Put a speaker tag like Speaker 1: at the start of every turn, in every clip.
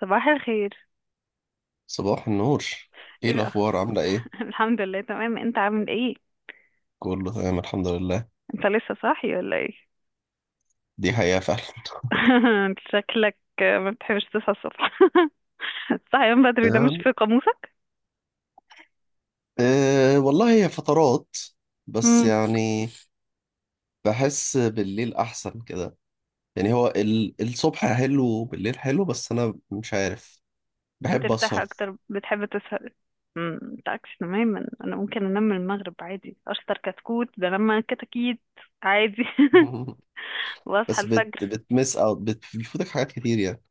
Speaker 1: صباح الخير.
Speaker 2: صباح النور. ايه
Speaker 1: ايه بقى؟
Speaker 2: الاخبار، عامله ايه؟
Speaker 1: الحمد لله، تمام. انت عامل ايه؟
Speaker 2: كله تمام الحمد لله.
Speaker 1: انت لسه صاحي ولا ايه؟
Speaker 2: دي حقيقه فعلا.
Speaker 1: انت شكلك ما بتحبش تصحى الصبح. الصحيان بدري ده مش
Speaker 2: يعني
Speaker 1: في قاموسك.
Speaker 2: إيه والله، هي فترات بس.
Speaker 1: امم.
Speaker 2: يعني بحس بالليل احسن كده. يعني هو الصبح حلو وبالليل حلو، بس انا مش عارف. بحب
Speaker 1: بترتاح
Speaker 2: اسهر.
Speaker 1: اكتر؟ بتحب تسهر؟ انت عكس تماما، انا ممكن انام من المغرب عادي، اشطر كتكوت بنام كتاكيت عادي. واصحى
Speaker 2: بس بت
Speaker 1: الفجر.
Speaker 2: بتمس او بت- بتفوتك حاجات كتير يعني.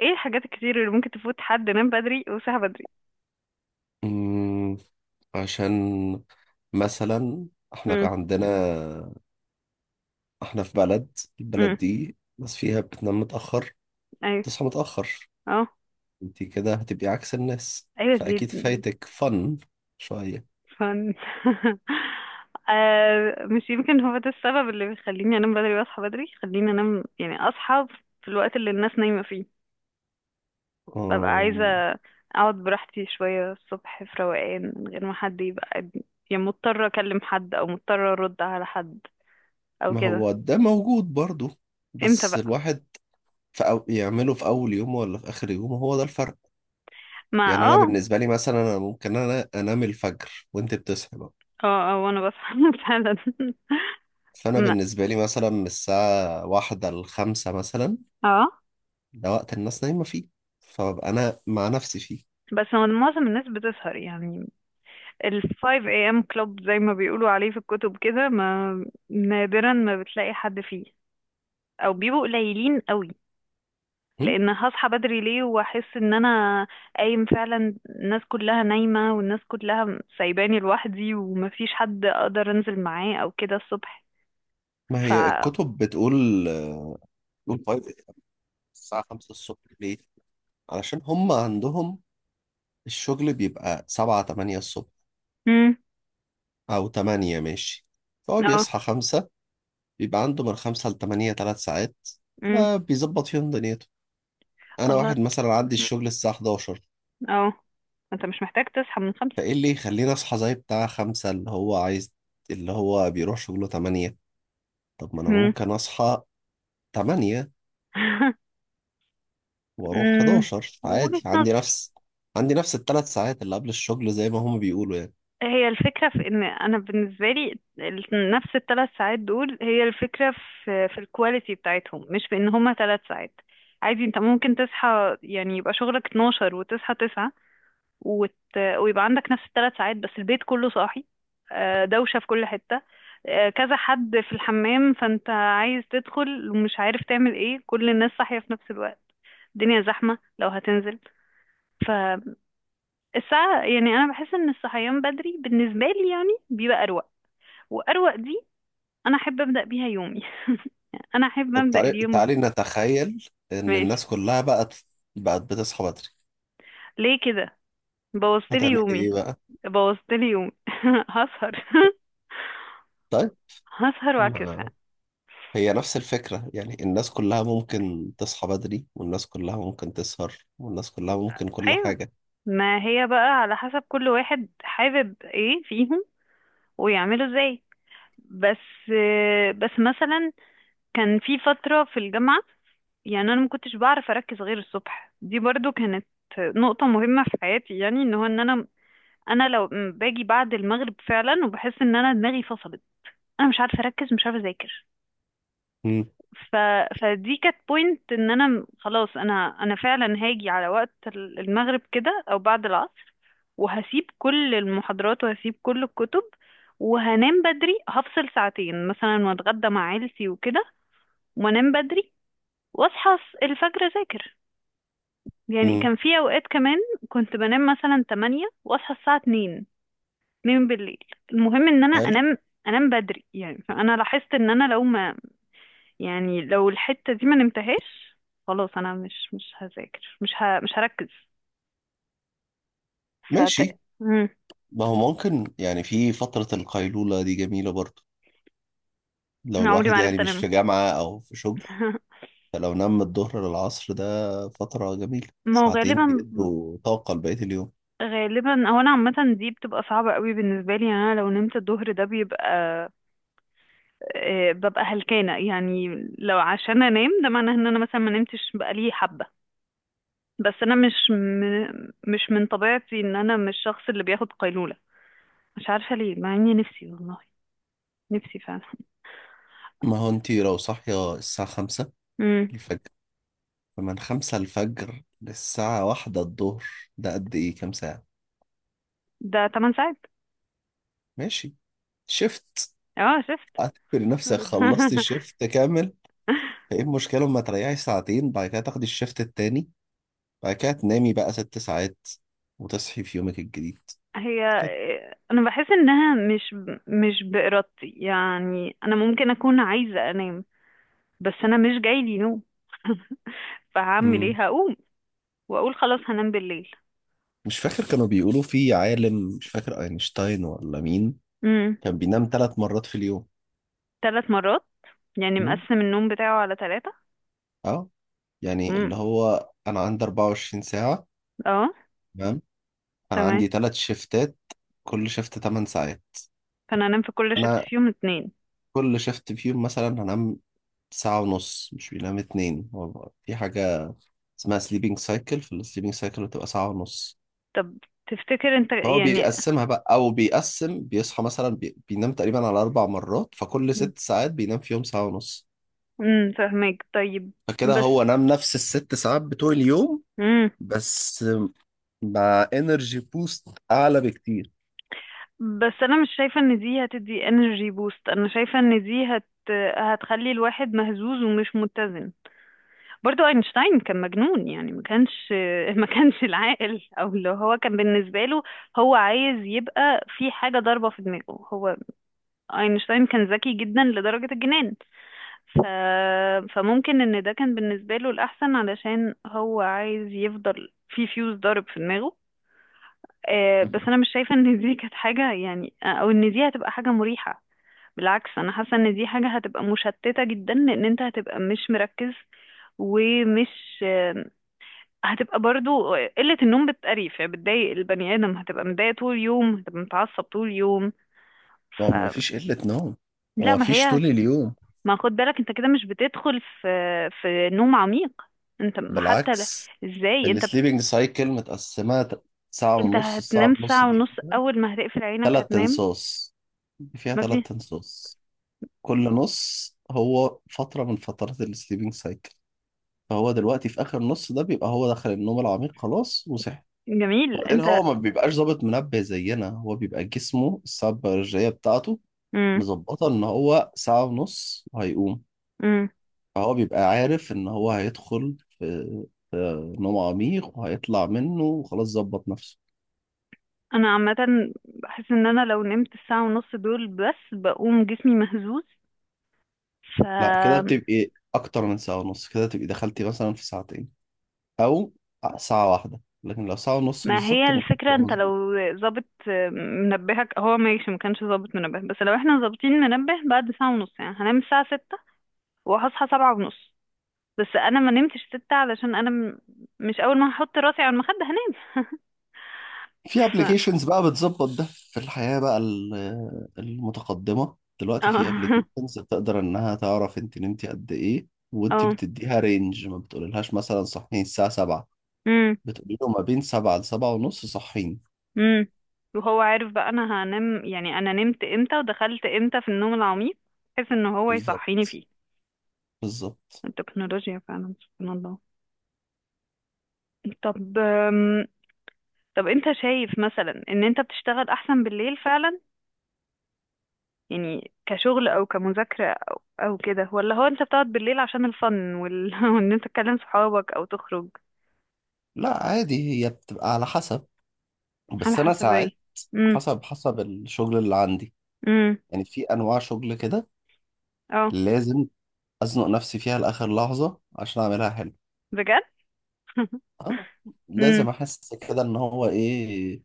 Speaker 1: ايه الحاجات الكتير اللي ممكن تفوت حد نام بدري وصحى بدري؟
Speaker 2: أمم، عشان مثلا احنا
Speaker 1: امم.
Speaker 2: عندنا، احنا في بلد،
Speaker 1: امم.
Speaker 2: البلد دي بس فيها بتنام متأخر،
Speaker 1: ايوه.
Speaker 2: تصحى متأخر.
Speaker 1: اه.
Speaker 2: انت كده هتبقي عكس الناس،
Speaker 1: ايوه دي
Speaker 2: فأكيد فايتك فن شوية.
Speaker 1: فن. آه، مش يمكن هو ده السبب اللي بيخليني انام بدري واصحى بدري. خليني انام يعني اصحى في الوقت اللي الناس نايمة فيه. ببقى عايزة
Speaker 2: أم،
Speaker 1: اقعد براحتي شوية الصبح في روقان من غير ما حد يبقى يعني مضطرة اكلم حد او مضطرة ارد على حد او
Speaker 2: ما
Speaker 1: كده.
Speaker 2: هو ده موجود برضو،
Speaker 1: امتى
Speaker 2: بس
Speaker 1: بقى؟
Speaker 2: الواحد يعمله في أول يوم ولا في آخر يوم، هو ده الفرق.
Speaker 1: ما
Speaker 2: يعني أنا
Speaker 1: اه.
Speaker 2: بالنسبة لي مثلا، أنا ممكن أنام الفجر وأنت بتصحي بقى.
Speaker 1: اه. اه وانا بصحى فعلا.
Speaker 2: فأنا
Speaker 1: ما-
Speaker 2: بالنسبة لي مثلا من الساعة واحدة لخمسة مثلا،
Speaker 1: اه.
Speaker 2: ده وقت الناس نايمة فيه، فببقى أنا مع نفسي فيه.
Speaker 1: بس هو معظم الناس بتسهر، يعني ال 5 a.m. club زي ما بيقولوا عليه في الكتب كده، ما نادرا ما بتلاقي حد فيه، او بيبقوا قليلين قوي.
Speaker 2: هم؟
Speaker 1: لان هصحى بدري ليه واحس ان انا قايم فعلا الناس كلها نايمة والناس كلها سايباني لوحدي ومفيش حد اقدر انزل معاه او كده الصبح.
Speaker 2: ما
Speaker 1: ف
Speaker 2: هي الكتب بتقول آه، قول 5. الساعة 5 الصبح ليه؟ علشان هم عندهم الشغل بيبقى سبعة تمانية الصبح،
Speaker 1: مم.
Speaker 2: أو تمانية ماشي. فهو
Speaker 1: اه.
Speaker 2: بيصحى خمسة، بيبقى عنده من خمسة لتمانية تلات ساعات،
Speaker 1: مم.
Speaker 2: فبيظبط فيهم دنيته. أنا
Speaker 1: الله.
Speaker 2: واحد مثلا عندي
Speaker 1: مم.
Speaker 2: الشغل الساعة 11،
Speaker 1: اه، انت مش محتاج تصحى من خمسة.
Speaker 2: فإيه اللي يخليني أصحى زي بتاع خمسة اللي هو عايز، اللي هو بيروح شغله تمانية. طب ما أنا
Speaker 1: مم.
Speaker 2: ممكن أصحى تمانية وأروح
Speaker 1: مم.
Speaker 2: 11 عادي.
Speaker 1: وجهة
Speaker 2: عندي
Speaker 1: نظر.
Speaker 2: نفس عندي نفس التلات ساعات اللي قبل الشغل زي ما هم بيقولوا يعني.
Speaker 1: هي الفكرة في ان انا بالنسبة لي نفس الثلاث ساعات دول هي الفكرة في الكواليتي بتاعتهم، مش في ان هما ثلاث ساعات. عادي انت ممكن تصحى يعني يبقى شغلك 12 وتصحى 9 وت... ويبقى عندك نفس الثلاث ساعات، بس البيت كله صاحي، آه، دوشة في كل حتة، آه، كذا حد في الحمام فانت عايز تدخل ومش عارف تعمل ايه، كل الناس صاحية في نفس الوقت، الدنيا زحمة لو هتنزل. فالساعة يعني أنا بحس إن الصحيان بدري بالنسبة لي يعني بيبقى أروق، واروق دي انا احب ابدا بيها يومي. انا احب
Speaker 2: طب
Speaker 1: ابدا
Speaker 2: تعالي
Speaker 1: اليوم.
Speaker 2: تعالي، نتخيل ان
Speaker 1: ماشي.
Speaker 2: الناس كلها بقت بتصحى بدري،
Speaker 1: ليه كده؟ بوظتلي
Speaker 2: هتعملي ايه
Speaker 1: يومي.
Speaker 2: بقى؟
Speaker 1: بوظتلي يومي. هسهر.
Speaker 2: طيب.
Speaker 1: هسهر واعكسها.
Speaker 2: ما هي نفس الفكرة يعني، الناس كلها ممكن تصحى بدري والناس كلها ممكن تسهر والناس كلها ممكن كل
Speaker 1: ايوه.
Speaker 2: حاجة.
Speaker 1: ما هي بقى على حسب كل واحد حابب ايه فيهم ويعمله ازاي. بس بس مثلا كان في فترة في الجامعة، يعني انا ما كنتش بعرف اركز غير الصبح، دي برضو كانت نقطة مهمة في حياتي، يعني ان هو ان انا لو باجي بعد المغرب فعلا وبحس ان انا دماغي فصلت، انا مش عارفه اركز مش عارفه اذاكر.
Speaker 2: امم.
Speaker 1: ف... فدي كانت بوينت ان انا خلاص انا فعلا هاجي على وقت المغرب كده او بعد العصر، وهسيب كل المحاضرات وهسيب كل الكتب، وهنام بدري هفصل ساعتين مثلا واتغدى مع عيلتي وكده، وانام بدري واصحى الفجر اذاكر. يعني
Speaker 2: امم.
Speaker 1: كان في اوقات كمان كنت بنام مثلا 8 واصحى الساعه 2، اتنين بالليل. المهم ان انا
Speaker 2: حلو.
Speaker 1: انام، انام بدري. يعني فانا لاحظت ان انا لو ما، يعني لو الحتة دي ما نمتهاش، خلاص انا مش هذاكر مش هركز. فت...
Speaker 2: ماشي.
Speaker 1: مم.
Speaker 2: ما هو ممكن يعني في فترة القيلولة دي جميلة برضو، لو
Speaker 1: عمري ما
Speaker 2: الواحد يعني
Speaker 1: عرفت
Speaker 2: مش
Speaker 1: انام.
Speaker 2: في جامعة او في شغل. فلو نام من الظهر للعصر، ده فترة جميلة
Speaker 1: ما هو
Speaker 2: ساعتين
Speaker 1: غالبا،
Speaker 2: بيدوا طاقة لبقية اليوم.
Speaker 1: غالبا هو انا عامة دي بتبقى صعبة قوي بالنسبة لي، يعني انا لو نمت الظهر ده بيبقى آه، ببقى هلكانة يعني، لو عشان انام ده معناه ان انا مثلا ما نمتش بقالي حبة. بس انا مش من طبيعتي ان انا مش الشخص اللي بياخد قيلولة. مش عارفة ليه، مع اني نفسي والله، نفسي فعلا.
Speaker 2: ما هو انتي لو صاحية الساعة خمسة
Speaker 1: امم.
Speaker 2: الفجر، فمن خمسة الفجر للساعة واحدة الظهر، ده قد إيه كام ساعة؟
Speaker 1: ده 8 ساعات.
Speaker 2: ماشي. شفت؟
Speaker 1: اه شفت.
Speaker 2: اعتبر نفسك خلصت الشفت كامل. فإيه المشكلة لما تريحي ساعتين، بعد كده تاخدي الشفت التاني، بعد كده تنامي بقى ست ساعات وتصحي في يومك الجديد
Speaker 1: هي
Speaker 2: كده.
Speaker 1: انا بحس انها مش بارادتي، يعني انا ممكن اكون عايزة انام بس انا مش جايلي نوم. فهعمل
Speaker 2: مم.
Speaker 1: ايه؟ هقوم واقول خلاص هنام بالليل.
Speaker 2: مش فاكر كانوا بيقولوا في عالم، مش فاكر أينشتاين ولا مين،
Speaker 1: امم.
Speaker 2: كان بينام ثلاث مرات في اليوم.
Speaker 1: ثلاث مرات؟ يعني
Speaker 2: مم؟
Speaker 1: مقسم النوم بتاعه على ثلاثة.
Speaker 2: اه. يعني
Speaker 1: امم.
Speaker 2: اللي هو أنا عندي 24 ساعة،
Speaker 1: اه.
Speaker 2: تمام، انا
Speaker 1: تمام.
Speaker 2: عندي ثلاث شيفتات، كل شيفت 8 ساعات.
Speaker 1: فانا انام في كل شفت
Speaker 2: انا
Speaker 1: فيهم اتنين؟
Speaker 2: كل شيفت فيهم مثلا هنام ساعة ونص، مش بينام اتنين. هو في حاجة اسمها سليبنج سايكل، في السليبنج سايكل بتبقى ساعة ونص.
Speaker 1: طب تفتكر انت
Speaker 2: هو
Speaker 1: يعني.
Speaker 2: بيقسمها بقى، او بيقسم بيصحى مثلا، بينام تقريبا على اربع مرات، فكل ست ساعات بينام فيهم ساعة ونص.
Speaker 1: فاهمك، طيب.
Speaker 2: فكده
Speaker 1: بس.
Speaker 2: هو نام نفس الست ساعات بتوع اليوم،
Speaker 1: امم.
Speaker 2: بس مع انرجي بوست اعلى بكتير.
Speaker 1: بس انا مش شايفه ان دي هتدي انرجي بوست، انا شايفه ان دي هتخلي الواحد مهزوز ومش متزن. برضو اينشتاين كان مجنون، يعني ما كانش ما كانش العاقل، او اللي هو كان بالنسبه له هو عايز يبقى في حاجه ضاربه في دماغه هو. اينشتاين كان ذكي جدا لدرجه الجنان. ف... فممكن ان ده كان بالنسبه له الاحسن علشان هو عايز يفضل في فيوز ضارب في دماغه. آه، بس انا مش شايفه ان دي كانت حاجه يعني، او ان دي هتبقى حاجه مريحه. بالعكس، انا حاسه ان دي حاجه هتبقى مشتته جدا لان انت هتبقى مش مركز ومش آه، هتبقى برضو قله النوم بتقريف، يعني بتضايق البني ادم، هتبقى متضايق طول اليوم، هتبقى متعصب طول اليوم. ف
Speaker 2: هو مفيش قلة نوم
Speaker 1: لا. ما
Speaker 2: ومفيش
Speaker 1: هي،
Speaker 2: طول اليوم.
Speaker 1: ما خد بالك انت كده مش بتدخل في نوم عميق. انت حتى
Speaker 2: بالعكس،
Speaker 1: ازاي انت
Speaker 2: السليبنج سايكل متقسمة ساعة
Speaker 1: انت
Speaker 2: ونص،
Speaker 1: هتنام
Speaker 2: الساعة ونص
Speaker 1: ساعه
Speaker 2: دي
Speaker 1: ونص
Speaker 2: فيها
Speaker 1: اول ما هتقفل عينك
Speaker 2: ثلاث
Speaker 1: هتنام.
Speaker 2: تنصاص فيها
Speaker 1: ما
Speaker 2: ثلاث
Speaker 1: في
Speaker 2: تنصاص كل نص هو فترة من فترات السليبنج سايكل. فهو دلوقتي في آخر نص، ده بيبقى هو دخل النوم العميق خلاص وصحي.
Speaker 1: جميل
Speaker 2: وبعدين
Speaker 1: انت.
Speaker 2: هو ما بيبقاش ظابط منبه زينا، هو بيبقى جسمه الساعة البيولوجية بتاعته
Speaker 1: امم
Speaker 2: مظبطة إن هو ساعة ونص وهيقوم،
Speaker 1: امم
Speaker 2: فهو بيبقى عارف إن هو هيدخل في نوم عميق وهيطلع منه وخلاص ظبط نفسه.
Speaker 1: انا عامه بحس ان انا لو نمت الساعه ونص دول بس بقوم جسمي مهزوز. ف
Speaker 2: لا، كده بتبقي اكتر من ساعة ونص، كده تبقي دخلتي مثلا في ساعتين، او ساعة واحدة، لكن لو ساعة ونص
Speaker 1: ما هي
Speaker 2: بالظبط ما
Speaker 1: الفكره،
Speaker 2: بتبقى
Speaker 1: انت
Speaker 2: مظبوط.
Speaker 1: لو ظابط منبهك هو ماشي، ما كانش ظابط منبه، بس لو احنا ظابطين منبه بعد ساعه ونص يعني هنام الساعه ستة وهصحى سبعة ونص. بس انا ما نمتش ستة علشان انا مش اول ما هحط راسي على المخده هنام.
Speaker 2: في
Speaker 1: ف
Speaker 2: ابلكيشنز بقى بتظبط ده، في الحياة بقى المتقدمة دلوقتي في
Speaker 1: اه.
Speaker 2: ابلكيشنز بتقدر انها تعرف انت نمتي قد ايه. وانت بتديها رينج، ما بتقوللهاش مثلا صحيين الساعة 7،
Speaker 1: اه.
Speaker 2: بتقولي له ما بين 7 ل 7 ونص صحيين.
Speaker 1: امم. وهو عارف بقى انا هنام، يعني انا نمت امتى ودخلت امتى في النوم العميق بحيث ان هو يصحيني
Speaker 2: بالظبط.
Speaker 1: فيه.
Speaker 2: بالظبط.
Speaker 1: التكنولوجيا فعلا سبحان الله. طب طب انت شايف مثلا ان انت بتشتغل احسن بالليل فعلا، يعني كشغل او كمذاكرة او كده، ولا هو انت بتقعد بالليل عشان الفن وان انت تكلم صحابك او تخرج؟
Speaker 2: لا، عادي هي بتبقى على حسب.
Speaker 1: على
Speaker 2: بس انا
Speaker 1: حسب
Speaker 2: ساعات
Speaker 1: ايه؟ امم.
Speaker 2: حسب الشغل اللي عندي.
Speaker 1: امم.
Speaker 2: يعني في انواع شغل كده
Speaker 1: اه.
Speaker 2: لازم ازنق نفسي فيها لاخر لحظه عشان اعملها حلو.
Speaker 1: بجد.
Speaker 2: اه.
Speaker 1: امم.
Speaker 2: لازم احس كده ان هو ايه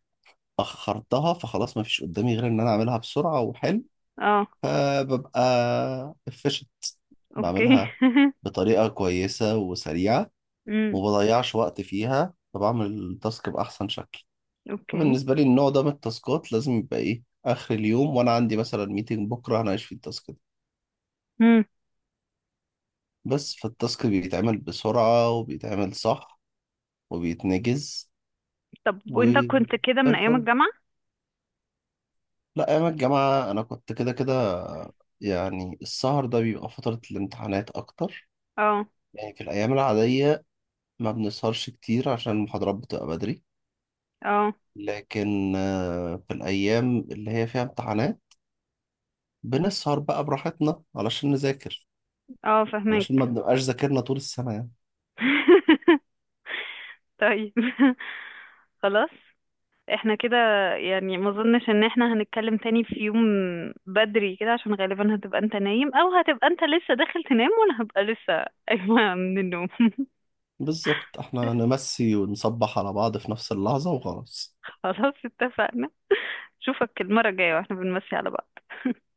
Speaker 2: اخرتها، فخلاص ما فيش قدامي غير ان انا اعملها بسرعه وحلو.
Speaker 1: اه.
Speaker 2: فببقى efficient.
Speaker 1: اوكي.
Speaker 2: بعملها بطريقه كويسه وسريعه
Speaker 1: امم.
Speaker 2: وما بضيعش وقت فيها، فبعمل التاسك باحسن شكل.
Speaker 1: اوكي.
Speaker 2: فبالنسبه لي النوع ده من التاسكات لازم يبقى ايه اخر اليوم وانا عندي مثلا ميتنج بكره هناقش فيه التاسك ده بس، فالتاسك بيتعمل بسرعة وبيتعمل صح وبيتنجز
Speaker 1: طب وانت
Speaker 2: وزي
Speaker 1: كنت كده من ايام
Speaker 2: الفل.
Speaker 1: الجامعة؟
Speaker 2: لا، أيام الجامعة أنا كنت كده كده. يعني السهر ده بيبقى فترة الامتحانات أكتر.
Speaker 1: اه.
Speaker 2: يعني في الأيام العادية ما بنسهرش كتير عشان المحاضرات بتبقى بدري،
Speaker 1: اه.
Speaker 2: لكن آه، في الأيام اللي هي فيها امتحانات بنسهر بقى براحتنا علشان نذاكر،
Speaker 1: اه
Speaker 2: علشان ما
Speaker 1: فهمك.
Speaker 2: بنبقاش ذاكرنا طول السنة يعني.
Speaker 1: طيب. خلاص. احنا كده يعني، ما اظنش ان احنا هنتكلم تاني في يوم بدري كده، عشان غالبا هتبقى انت نايم او هتبقى انت لسه داخل تنام وانا هبقى لسه قايمة من النوم.
Speaker 2: بالظبط. احنا نمسي ونصبح على بعض في نفس اللحظة وخلاص.
Speaker 1: خلاص اتفقنا. اشوفك المرة الجاية واحنا بنمسي على بعض.